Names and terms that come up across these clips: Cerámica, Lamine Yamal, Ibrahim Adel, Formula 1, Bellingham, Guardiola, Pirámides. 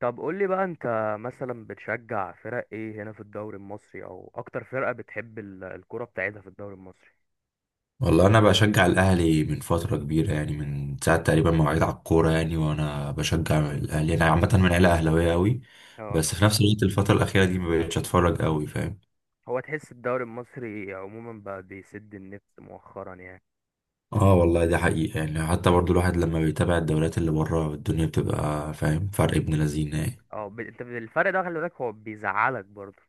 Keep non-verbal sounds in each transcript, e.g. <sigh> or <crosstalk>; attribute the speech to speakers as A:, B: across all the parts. A: طب قول لي بقى انت مثلا بتشجع فرق ايه هنا في الدوري المصري او اكتر فرقة بتحب الكرة بتاعتها في الدوري المصري.
B: والله انا بشجع الاهلي من فتره كبيره، يعني من ساعه تقريبا ما وعيت على الكوره، يعني وانا بشجع الاهلي. انا عامه من عيله اهلاويه قوي.
A: اه،
B: بس في نفس الوقت الفتره الاخيره دي ما بقتش اتفرج قوي، فاهم؟
A: هو تحس الدوري المصري عموما بقى بيسد النفس مؤخرا يعني؟
B: اه والله دي حقيقه، يعني حتى برضو الواحد لما بيتابع الدوريات اللي بره الدنيا بتبقى فاهم فرق ابن لذينه يعني.
A: انت الفرق ده خلي بالك هو بيزعلك برضه؟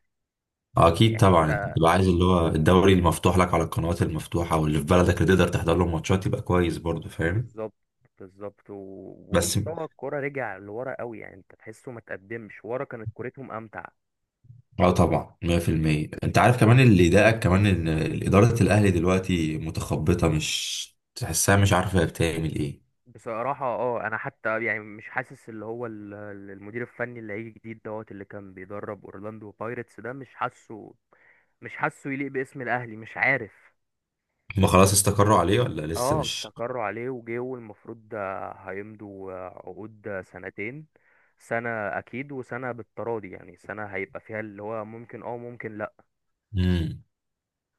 B: آه، اكيد
A: يعني
B: طبعا، انت
A: انت،
B: بتبقى عايز اللي هو الدوري المفتوح لك على القنوات المفتوحه واللي في بلدك اللي تقدر تحضر له ماتشات، يبقى كويس برضو، فاهم؟
A: بالظبط، بالظبط.
B: بس.
A: ومستوى الكرة رجع لورا قوي، يعني انت تحسه ما تقدمش ورا كانت كورتهم امتع.
B: اه طبعا، 100% انت عارف، كمان اللي ضايقك كمان ان اداره الاهلي دلوقتي متخبطه، مش تحسها مش عارفه هي بتعمل ايه.
A: بصراحة اه، انا حتى يعني مش حاسس اللي هو المدير الفني اللي هيجي جديد دوت، اللي كان بيدرب اورلاندو بايرتس ده، مش حاسه مش حاسه يليق باسم الاهلي، مش عارف.
B: هما خلاص استقروا عليه ولا لسه
A: اه،
B: مش؟
A: استقروا عليه وجه، والمفروض ده هيمضوا عقود سنتين، سنة اكيد وسنة بالتراضي، يعني سنة هيبقى فيها اللي هو ممكن اه ممكن لا.
B: امم.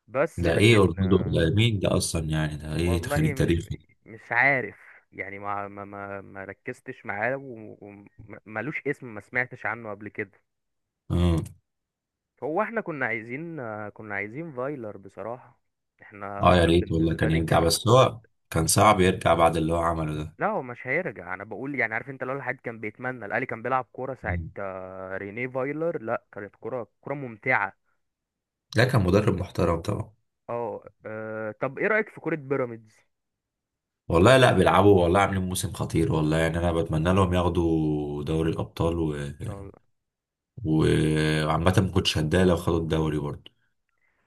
A: بس
B: ده ايه
A: لكن،
B: اورلando ده؟ مين ده اصلا يعني؟ ده ايه،
A: والله
B: تخليد تاريخي؟
A: مش عارف. يعني ما ركزتش معاه، وملوش اسم، ما سمعتش عنه قبل كده.
B: امم.
A: هو احنا كنا عايزين، كنا عايزين فايلر بصراحة. احنا
B: اه يا ريت والله
A: بالنسبة
B: كان
A: لي
B: يرجع،
A: كانت،
B: بس هو كان صعب يرجع بعد اللي هو عمله ده.
A: لا هو مش هيرجع، انا بقول يعني عارف انت لو الواحد كان بيتمنى الاهلي كان بيلعب كورة ساعة
B: مم.
A: رينيه فايلر، لا كانت كورة ممتعة.
B: ده كان مدرب محترم طبعا.
A: اه. طب ايه رأيك في كورة بيراميدز؟
B: والله لا بيلعبوا، والله عاملين موسم خطير والله، يعني انا بتمنى لهم ياخدوا دوري الابطال
A: ان شاء الله.
B: وعامة ما كنتش هتضايق لو خدوا الدوري برضه.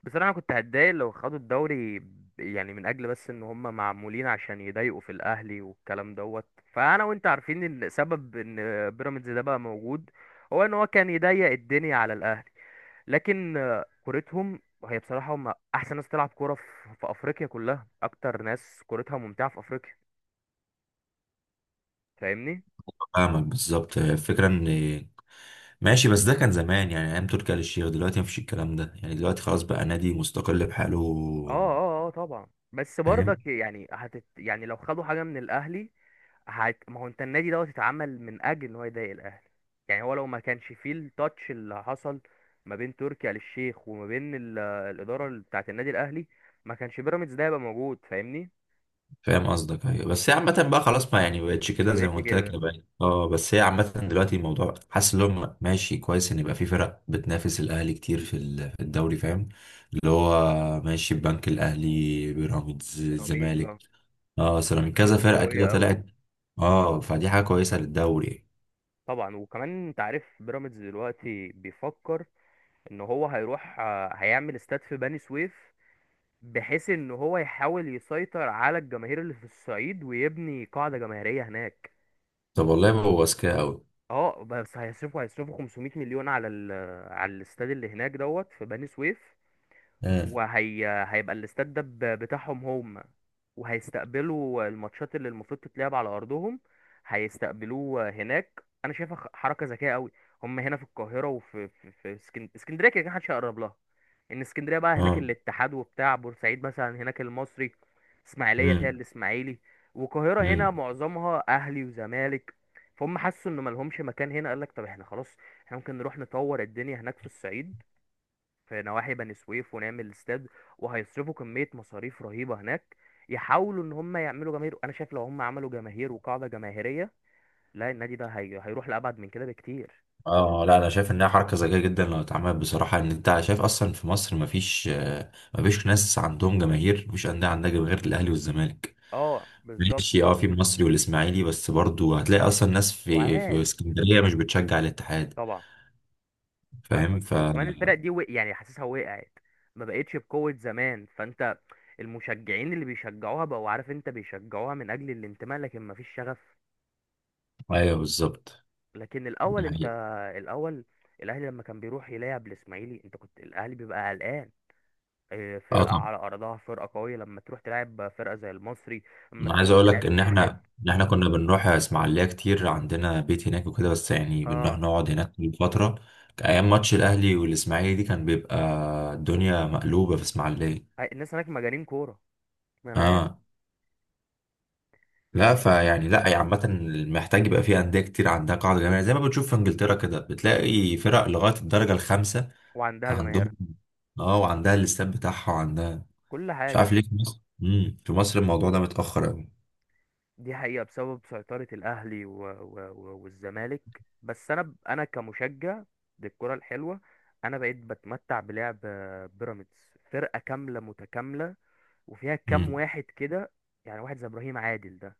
A: بصراحة انا كنت هتضايق لو خدوا الدوري يعني من اجل بس ان هم معمولين عشان يضايقوا في الاهلي والكلام دوت، فانا وانت عارفين ان سبب ان بيراميدز ده بقى موجود هو ان هو كان يضيق الدنيا على الاهلي. لكن كورتهم هي بصراحة، هم أحسن ناس تلعب كورة في أفريقيا كلها، أكتر ناس كورتها ممتعة في أفريقيا. فاهمني؟
B: فاهمك بالظبط، هي الفكرة ان ماشي. بس ده كان زمان، يعني ايام تركي آل الشيخ. دلوقتي مفيش الكلام ده يعني، دلوقتي خلاص بقى نادي مستقل بحاله.
A: اه طبعا. بس
B: فاهم.
A: برضك يعني يعني لو خدوا حاجة من الأهلي، ما هو أنت، النادي دوت اتعمل من أجل إن هو يضايق الأهلي. يعني هو لو ما كانش فيه التاتش اللي حصل ما بين تركي آل الشيخ وما بين الإدارة بتاعة النادي الأهلي، ما كانش بيراميدز ده هيبقى موجود، فاهمني؟
B: فاهم قصدك، ايوه، بس هي عامة بقى خلاص، ما يعني بقتش
A: ما
B: كده زي
A: بقتش
B: ما قلت لك
A: كده.
B: بقى. اه بس هي عامة دلوقتي الموضوع، حاسس ان هم ماشي كويس ان يبقى في فرق بتنافس الاهلي كتير في الدوري، فاهم؟ اللي هو ماشي، البنك الاهلي، بيراميدز، الزمالك.
A: سيراميكا،
B: اه، اصل من كذا
A: سيراميكا
B: فرقه كده
A: قوية أوي.
B: طلعت. اه فدي حاجه كويسه للدوري.
A: طبعا، وكمان انت عارف بيراميدز دلوقتي بيفكر ان هو هيروح هيعمل استاد في بني سويف، بحيث ان هو يحاول يسيطر على الجماهير اللي في الصعيد ويبني قاعدة جماهيرية هناك.
B: طب والله بابا، اذكياء قوي.
A: اه، بس هيصرفوا 500 مليون على ال... آه، على الاستاد اللي هناك دوت، في بني سويف.
B: امم.
A: وهي هيبقى الاستاد ده بتاعهم هم، وهيستقبلوا الماتشات اللي المفروض تتلعب على ارضهم، هيستقبلوه هناك. انا شايفها حركه ذكيه قوي. هم هنا في القاهره، وفي اسكندريه كده كده محدش هيقرب لها. ان اسكندريه بقى هناك
B: اه.
A: الاتحاد، وبتاع بورسعيد مثلا هناك المصري، اسماعيليه فيها
B: امم.
A: الاسماعيلي، والقاهره هنا
B: امم.
A: معظمها اهلي وزمالك. فهم حسوا انه ملهمش مكان هنا، قال لك طب احنا خلاص، احنا ممكن نروح نطور الدنيا هناك في الصعيد، في نواحي بني سويف، ونعمل استاد. وهيصرفوا كمية مصاريف رهيبة هناك، يحاولوا ان هم يعملوا جماهير. انا شايف لو هم عملوا جماهير وقاعدة جماهيرية، لا النادي ده هيروح لأبعد من كده بكتير.
B: اه لا انا شايف انها حركه ذكيه جدا لو اتعملت، بصراحه ان انت شايف اصلا في مصر مفيش، مفيش ناس عندهم جماهير، مفيش انديه عندها جماهير غير الاهلي والزمالك.
A: اه بالظبط.
B: ماشي، اه، في المصري والاسماعيلي، بس برضو هتلاقي اصلا ناس في
A: وعاد،
B: اسكندريه مش بتشجع الاتحاد.
A: طبعا.
B: فاهم
A: فاهمك.
B: ف
A: وكمان الفرق دي يعني حاسسها وقعت، ما بقتش بقوة زمان. فانت المشجعين اللي بيشجعوها بقوا، عارف انت، بيشجعوها من اجل الانتماء، لكن ما فيش شغف.
B: ايوه بالظبط،
A: لكن الاول
B: دي
A: انت،
B: حقيقة.
A: الاول الاهلي لما كان بيروح يلعب الاسماعيلي، انت كنت الاهلي بيبقى قلقان.
B: اه
A: فرقة
B: طبعا.
A: على أرضها فرقة قوية، لما تروح تلعب فرقة زي المصري، لما
B: انا عايز
A: تروح
B: اقول لك
A: تلعب
B: ان
A: الاتحاد.
B: احنا كنا بنروح اسماعيليه كتير، عندنا بيت هناك وكده، بس يعني بنروح
A: اه،
B: نقعد هناك من فتره. ايام ماتش الاهلي والاسماعيلي دي كان بيبقى الدنيا مقلوبه في اسماعيليه.
A: الناس هناك مجانين كورة، ما أنا عارف.
B: اه لا
A: بس،
B: فيعني لا يعني عامه، محتاج يبقى في انديه كتير عندها قاعده جماهيريه زي ما بتشوف في انجلترا كده، بتلاقي فرق لغايه الدرجه الخامسه
A: وعندها جماهير،
B: عندهم. اه وعندها الاستاد بتاعها وعندها.
A: كل
B: مش عارف
A: حاجة.
B: ليه في مصر، في مصر الموضوع ده متاخر قوي.
A: دي حقيقة، بسبب سيطرة الأهلي و والزمالك بس أنا أنا كمشجع للكرة الحلوة، أنا بقيت بتمتع بلعب بيراميدز، فرقة كاملة متكاملة، وفيها كام
B: امم.
A: واحد كده، يعني واحد زي إبراهيم عادل ده،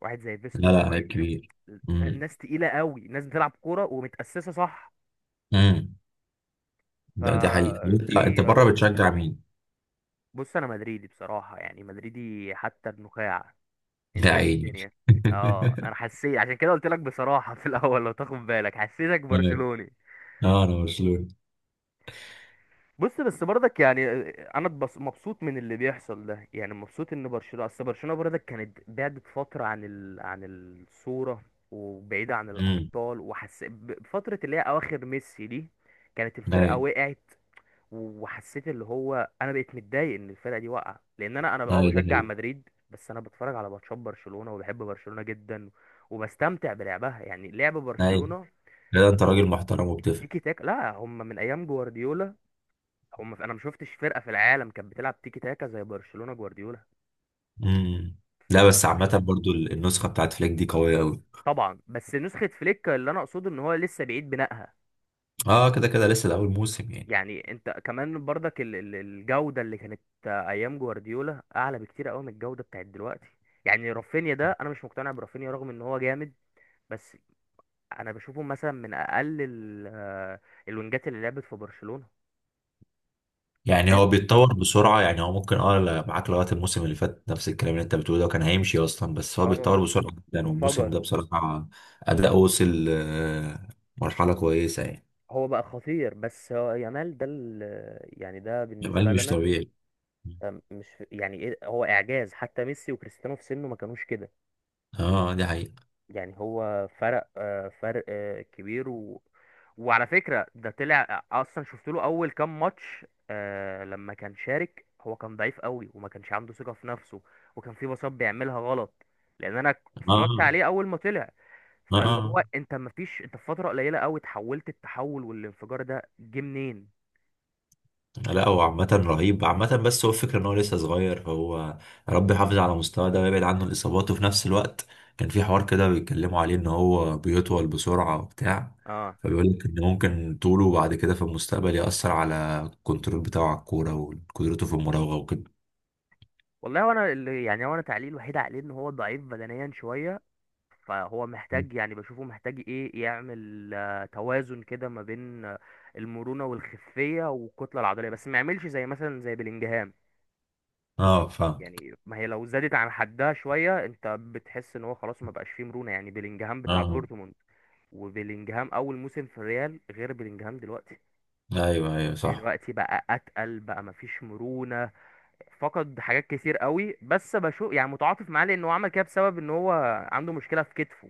A: واحد زي
B: لا
A: فيستون
B: لا عيب
A: مايلي.
B: كبير. امم.
A: ناس تقيلة قوي، ناس بتلعب كورة ومتأسسة صح.
B: امم. لا دي حقيقة. انت لا، انت
A: فدي
B: بره
A: أكتر.
B: بتشجع مين؟
A: بص، أنا مدريدي بصراحة، يعني مدريدي حتى النخاع.
B: لا
A: أنت إيه
B: عيني.
A: الدنيا؟ أه،
B: <laughs>
A: أنا حسيت عشان كده قلت لك بصراحة في الأول، لو تاخد بالك حسيتك
B: ايوه.
A: برشلوني.
B: اه انا برشلوني.
A: بص بس برضك يعني انا مبسوط من اللي بيحصل ده، يعني مبسوط ان برشلونه، اصل برشلونه برضك كانت بعدت فتره عن عن الصوره، وبعيده عن
B: امم.
A: الابطال، وحس فتره اللي هي اواخر ميسي دي كانت الفرقه
B: ايوه
A: وقعت. وحسيت اللي هو انا بقيت متضايق ان الفرقه دي واقعه، لان انا
B: ايوه ده
A: بشجع
B: حقيقي.
A: مدريد، بس انا بتفرج على ماتشات برشلونه وبحب برشلونه جدا، وبستمتع بلعبها يعني لعب
B: ايوه.
A: برشلونه.
B: لا انت راجل محترم وبتفهم.
A: التيكي تاك لا هم من ايام جوارديولا، هم انا ما شفتش فرقه في العالم كانت بتلعب تيكي تاكا زي برشلونه جوارديولا.
B: امم. لا بس
A: ف-
B: عامة برضو النسخة بتاعت فليك دي قوية قوي.
A: طبعا، بس نسخه فليك اللي انا اقصده ان هو لسه بعيد بنائها.
B: اه كده كده لسه الأول موسم يعني.
A: يعني انت كمان برضك الجوده اللي كانت ايام جوارديولا اعلى بكتير قوي من الجوده بتاعت دلوقتي. يعني رافينيا ده، انا مش مقتنع برافينيا رغم ان هو جامد، بس انا بشوفه مثلا من اقل الوينجات اللي لعبت في برشلونه.
B: يعني
A: فاهم.
B: هو بيتطور بسرعة، يعني هو ممكن معاك لغاية الموسم اللي فات نفس الكلام اللي انت بتقوله ده، وكان هيمشي أصلا، بس هو
A: اه،
B: بيتطور بسرعة جدا، والموسم
A: انفجر.
B: ده بصراحة أداء وصل مرحلة كويسة يعني.
A: هو بقى خطير. بس هو يامال ده يعني ده بالنسبه
B: جمال مش
A: لنا
B: طبيعي.
A: مش يعني ايه، هو اعجاز. حتى ميسي وكريستيانو في سنه ما كانوش كده.
B: اه دي حقيقة.
A: يعني هو فرق كبير. وعلى فكرة ده طلع، اصلا شفت له اول كام ماتش لما كان شارك، هو كان ضعيف قوي وما كانش عنده ثقة في نفسه، وكان في باصات بيعملها غلط، لان انا اتفرجت
B: اه.
A: عليه اول ما طلع.
B: اه.
A: فاللي
B: آه.
A: هو انت ما فيش، انت في فترة قليلة قوي تحولت، التحول والانفجار ده جه منين؟
B: لا هو عامة رهيب عامة، بس هو الفكرة ان هو لسه صغير، فهو يا رب يحافظ على مستواه ده ويبعد عنه الاصابات. وفي نفس الوقت كان في حوار كده بيتكلموا عليه ان هو بيطول بسرعة وبتاع،
A: اه
B: فبيقول لك ان ممكن طوله بعد كده في المستقبل يأثر على الكنترول بتاعه على الكورة وقدرته في المراوغة وكده.
A: والله، وانا اللي يعني، وانا تعليق الوحيد عليه ان هو ضعيف بدنيا شوية، فهو محتاج، يعني بشوفه محتاج ايه، يعمل توازن كده ما بين المرونة والخفية والكتلة العضلية، بس ما يعملش زي مثلا زي بلينجهام،
B: اه فاهم.
A: يعني ما هي لو زادت عن حدها شوية انت بتحس ان هو خلاص ما بقاش فيه مرونة. يعني بلينجهام بتاع
B: اه.
A: دورتموند وبلينجهام اول موسم في الريال غير بلينجهام دلوقتي.
B: ايوه ايوه صح.
A: دلوقتي بقى اتقل بقى، ما فيش مرونة، فقد حاجات كتير قوي. بس بشوف يعني متعاطف معاه، لان هو عمل كده بسبب ان هو عنده مشكلة في كتفه.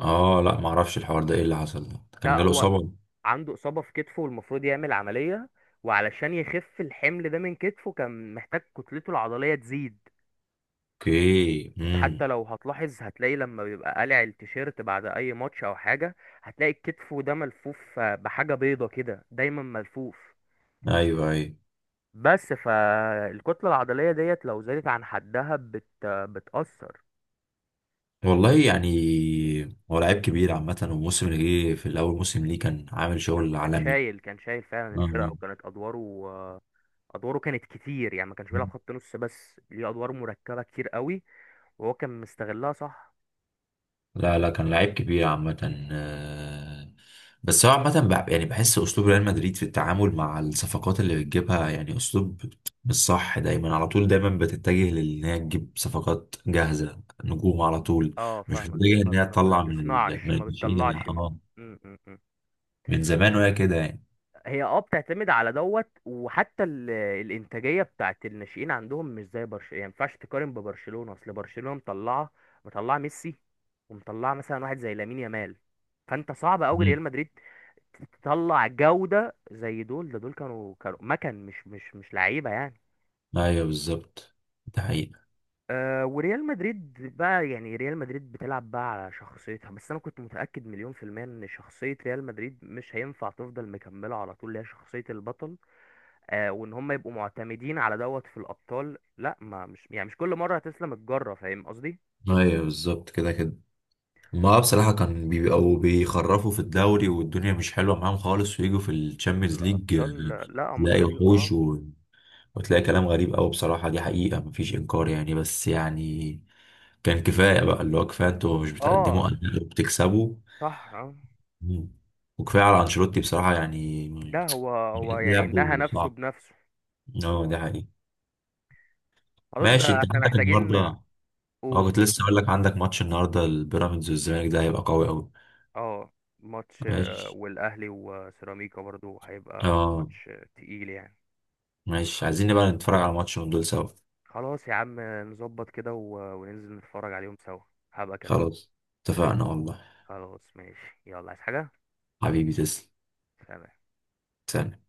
B: اه لا معرفش الحوار ده ايه اللي حصل،
A: ده
B: كان جاله
A: هو
B: اصابة؟
A: عنده إصابة في كتفه، والمفروض يعمل عملية، وعلشان يخف الحمل ده من كتفه كان محتاج كتلته العضلية تزيد.
B: اوكي.
A: انت حتى
B: امم.
A: لو هتلاحظ، هتلاقي لما بيبقى قالع التيشيرت بعد اي ماتش او حاجة، هتلاقي كتفه ده ملفوف بحاجة بيضة كده دايما ملفوف.
B: ايوه ايوه.
A: بس فالكتلة العضلية ديت لو زادت عن حدها بتأثر.
B: والله يعني، هو لعيب كبير عامة، والموسم اللي جه في الأول موسم ليه كان عامل
A: كان
B: شغل
A: كان
B: عالمي.
A: شايل كان شايل فعلا الفرقة،
B: آه.
A: وكانت أدواره آه، أدواره كانت كتير، يعني ما كانش بيلعب خط نص بس، ليه أدوار مركبة كتير قوي، وهو كان مستغلها صح.
B: لا لا كان لعيب كبير عامة. بس هو عامة يعني بحس أسلوب ريال مدريد في التعامل مع الصفقات اللي بتجيبها، يعني أسلوب مش صح دايما. على طول دايما بتتجه لإن هي تجيب صفقات جاهزة، نجوم على طول.
A: اه
B: مش
A: فاهمك.
B: بتتجه
A: ما
B: إن هي
A: ما
B: تطلع من
A: بتصنعش ما
B: الناشئين، اللي
A: بتطلعش من...
B: اه
A: م- م- م.
B: من زمان وهي كده يعني.
A: هي اه بتعتمد على دوت. وحتى الانتاجيه بتاعت الناشئين عندهم مش زي برشلونه، يعني ما ينفعش تقارن ببرشلونه. اصل برشلونه مطلعه ميسي، ومطلعه مثلا واحد زي لامين يامال. فانت صعب قوي
B: مم.
A: ريال مدريد تطلع جوده زي دول. ده دول كانوا كانوا مكن مش مش مش لعيبه يعني.
B: أيوه بالظبط. ده حقيقة.
A: آه، وريال مدريد بقى، يعني ريال مدريد بتلعب بقى على شخصيتها. بس انا كنت متأكد مليون في المية ان شخصية ريال مدريد مش هينفع تفضل مكملة على طول، اللي هي شخصية البطل. آه، وان هم يبقوا معتمدين على دوت في الابطال، لا ما مش، يعني مش كل مرة هتسلم الجرة، فاهم قصدي.
B: أيوه بالظبط كده كده. ما بصراحة كان بيبقوا بيخرفوا في الدوري والدنيا مش حلوة معاهم خالص، ويجوا في الشامبيونز ليج
A: الابطال، لا هم كانوا
B: تلاقي
A: بيجوا
B: وحوش
A: اه.
B: وتلاقي كلام غريب أوي بصراحة. دي حقيقة مفيش إنكار يعني، بس يعني كان كفاية بقى، اللي هو كفاية انتوا مش
A: اه
B: بتقدموا أداء وبتكسبوا.
A: صح اه.
B: مم. وكفاية على أنشيلوتي بصراحة يعني،
A: ده هو، هو يعني نهى
B: لعبه
A: نفسه
B: صعب.
A: بنفسه.
B: اه ده
A: هو
B: حقيقي.
A: خلاص،
B: ماشي.
A: ده
B: انت
A: احنا
B: عندك النهاردة؟
A: محتاجين.
B: اه
A: قول.
B: كنت لسه أقول لك، عندك ماتش النهاردة، البيراميدز والزمالك ده هيبقى قوي أوي.
A: اه، ماتش
B: ماشي.
A: والاهلي وسيراميكا برضو هيبقى
B: اه.
A: ماتش تقيل يعني.
B: ماشي، عايزين نبقى نتفرج على ماتش من دول سوا.
A: خلاص يا عم، نظبط كده وننزل نتفرج عليهم سوا، هبقى اكلمك.
B: خلاص اتفقنا والله.
A: خلاص ماشي، يلا عايز حاجة؟
B: حبيبي تسلم.
A: سلام.
B: سلام.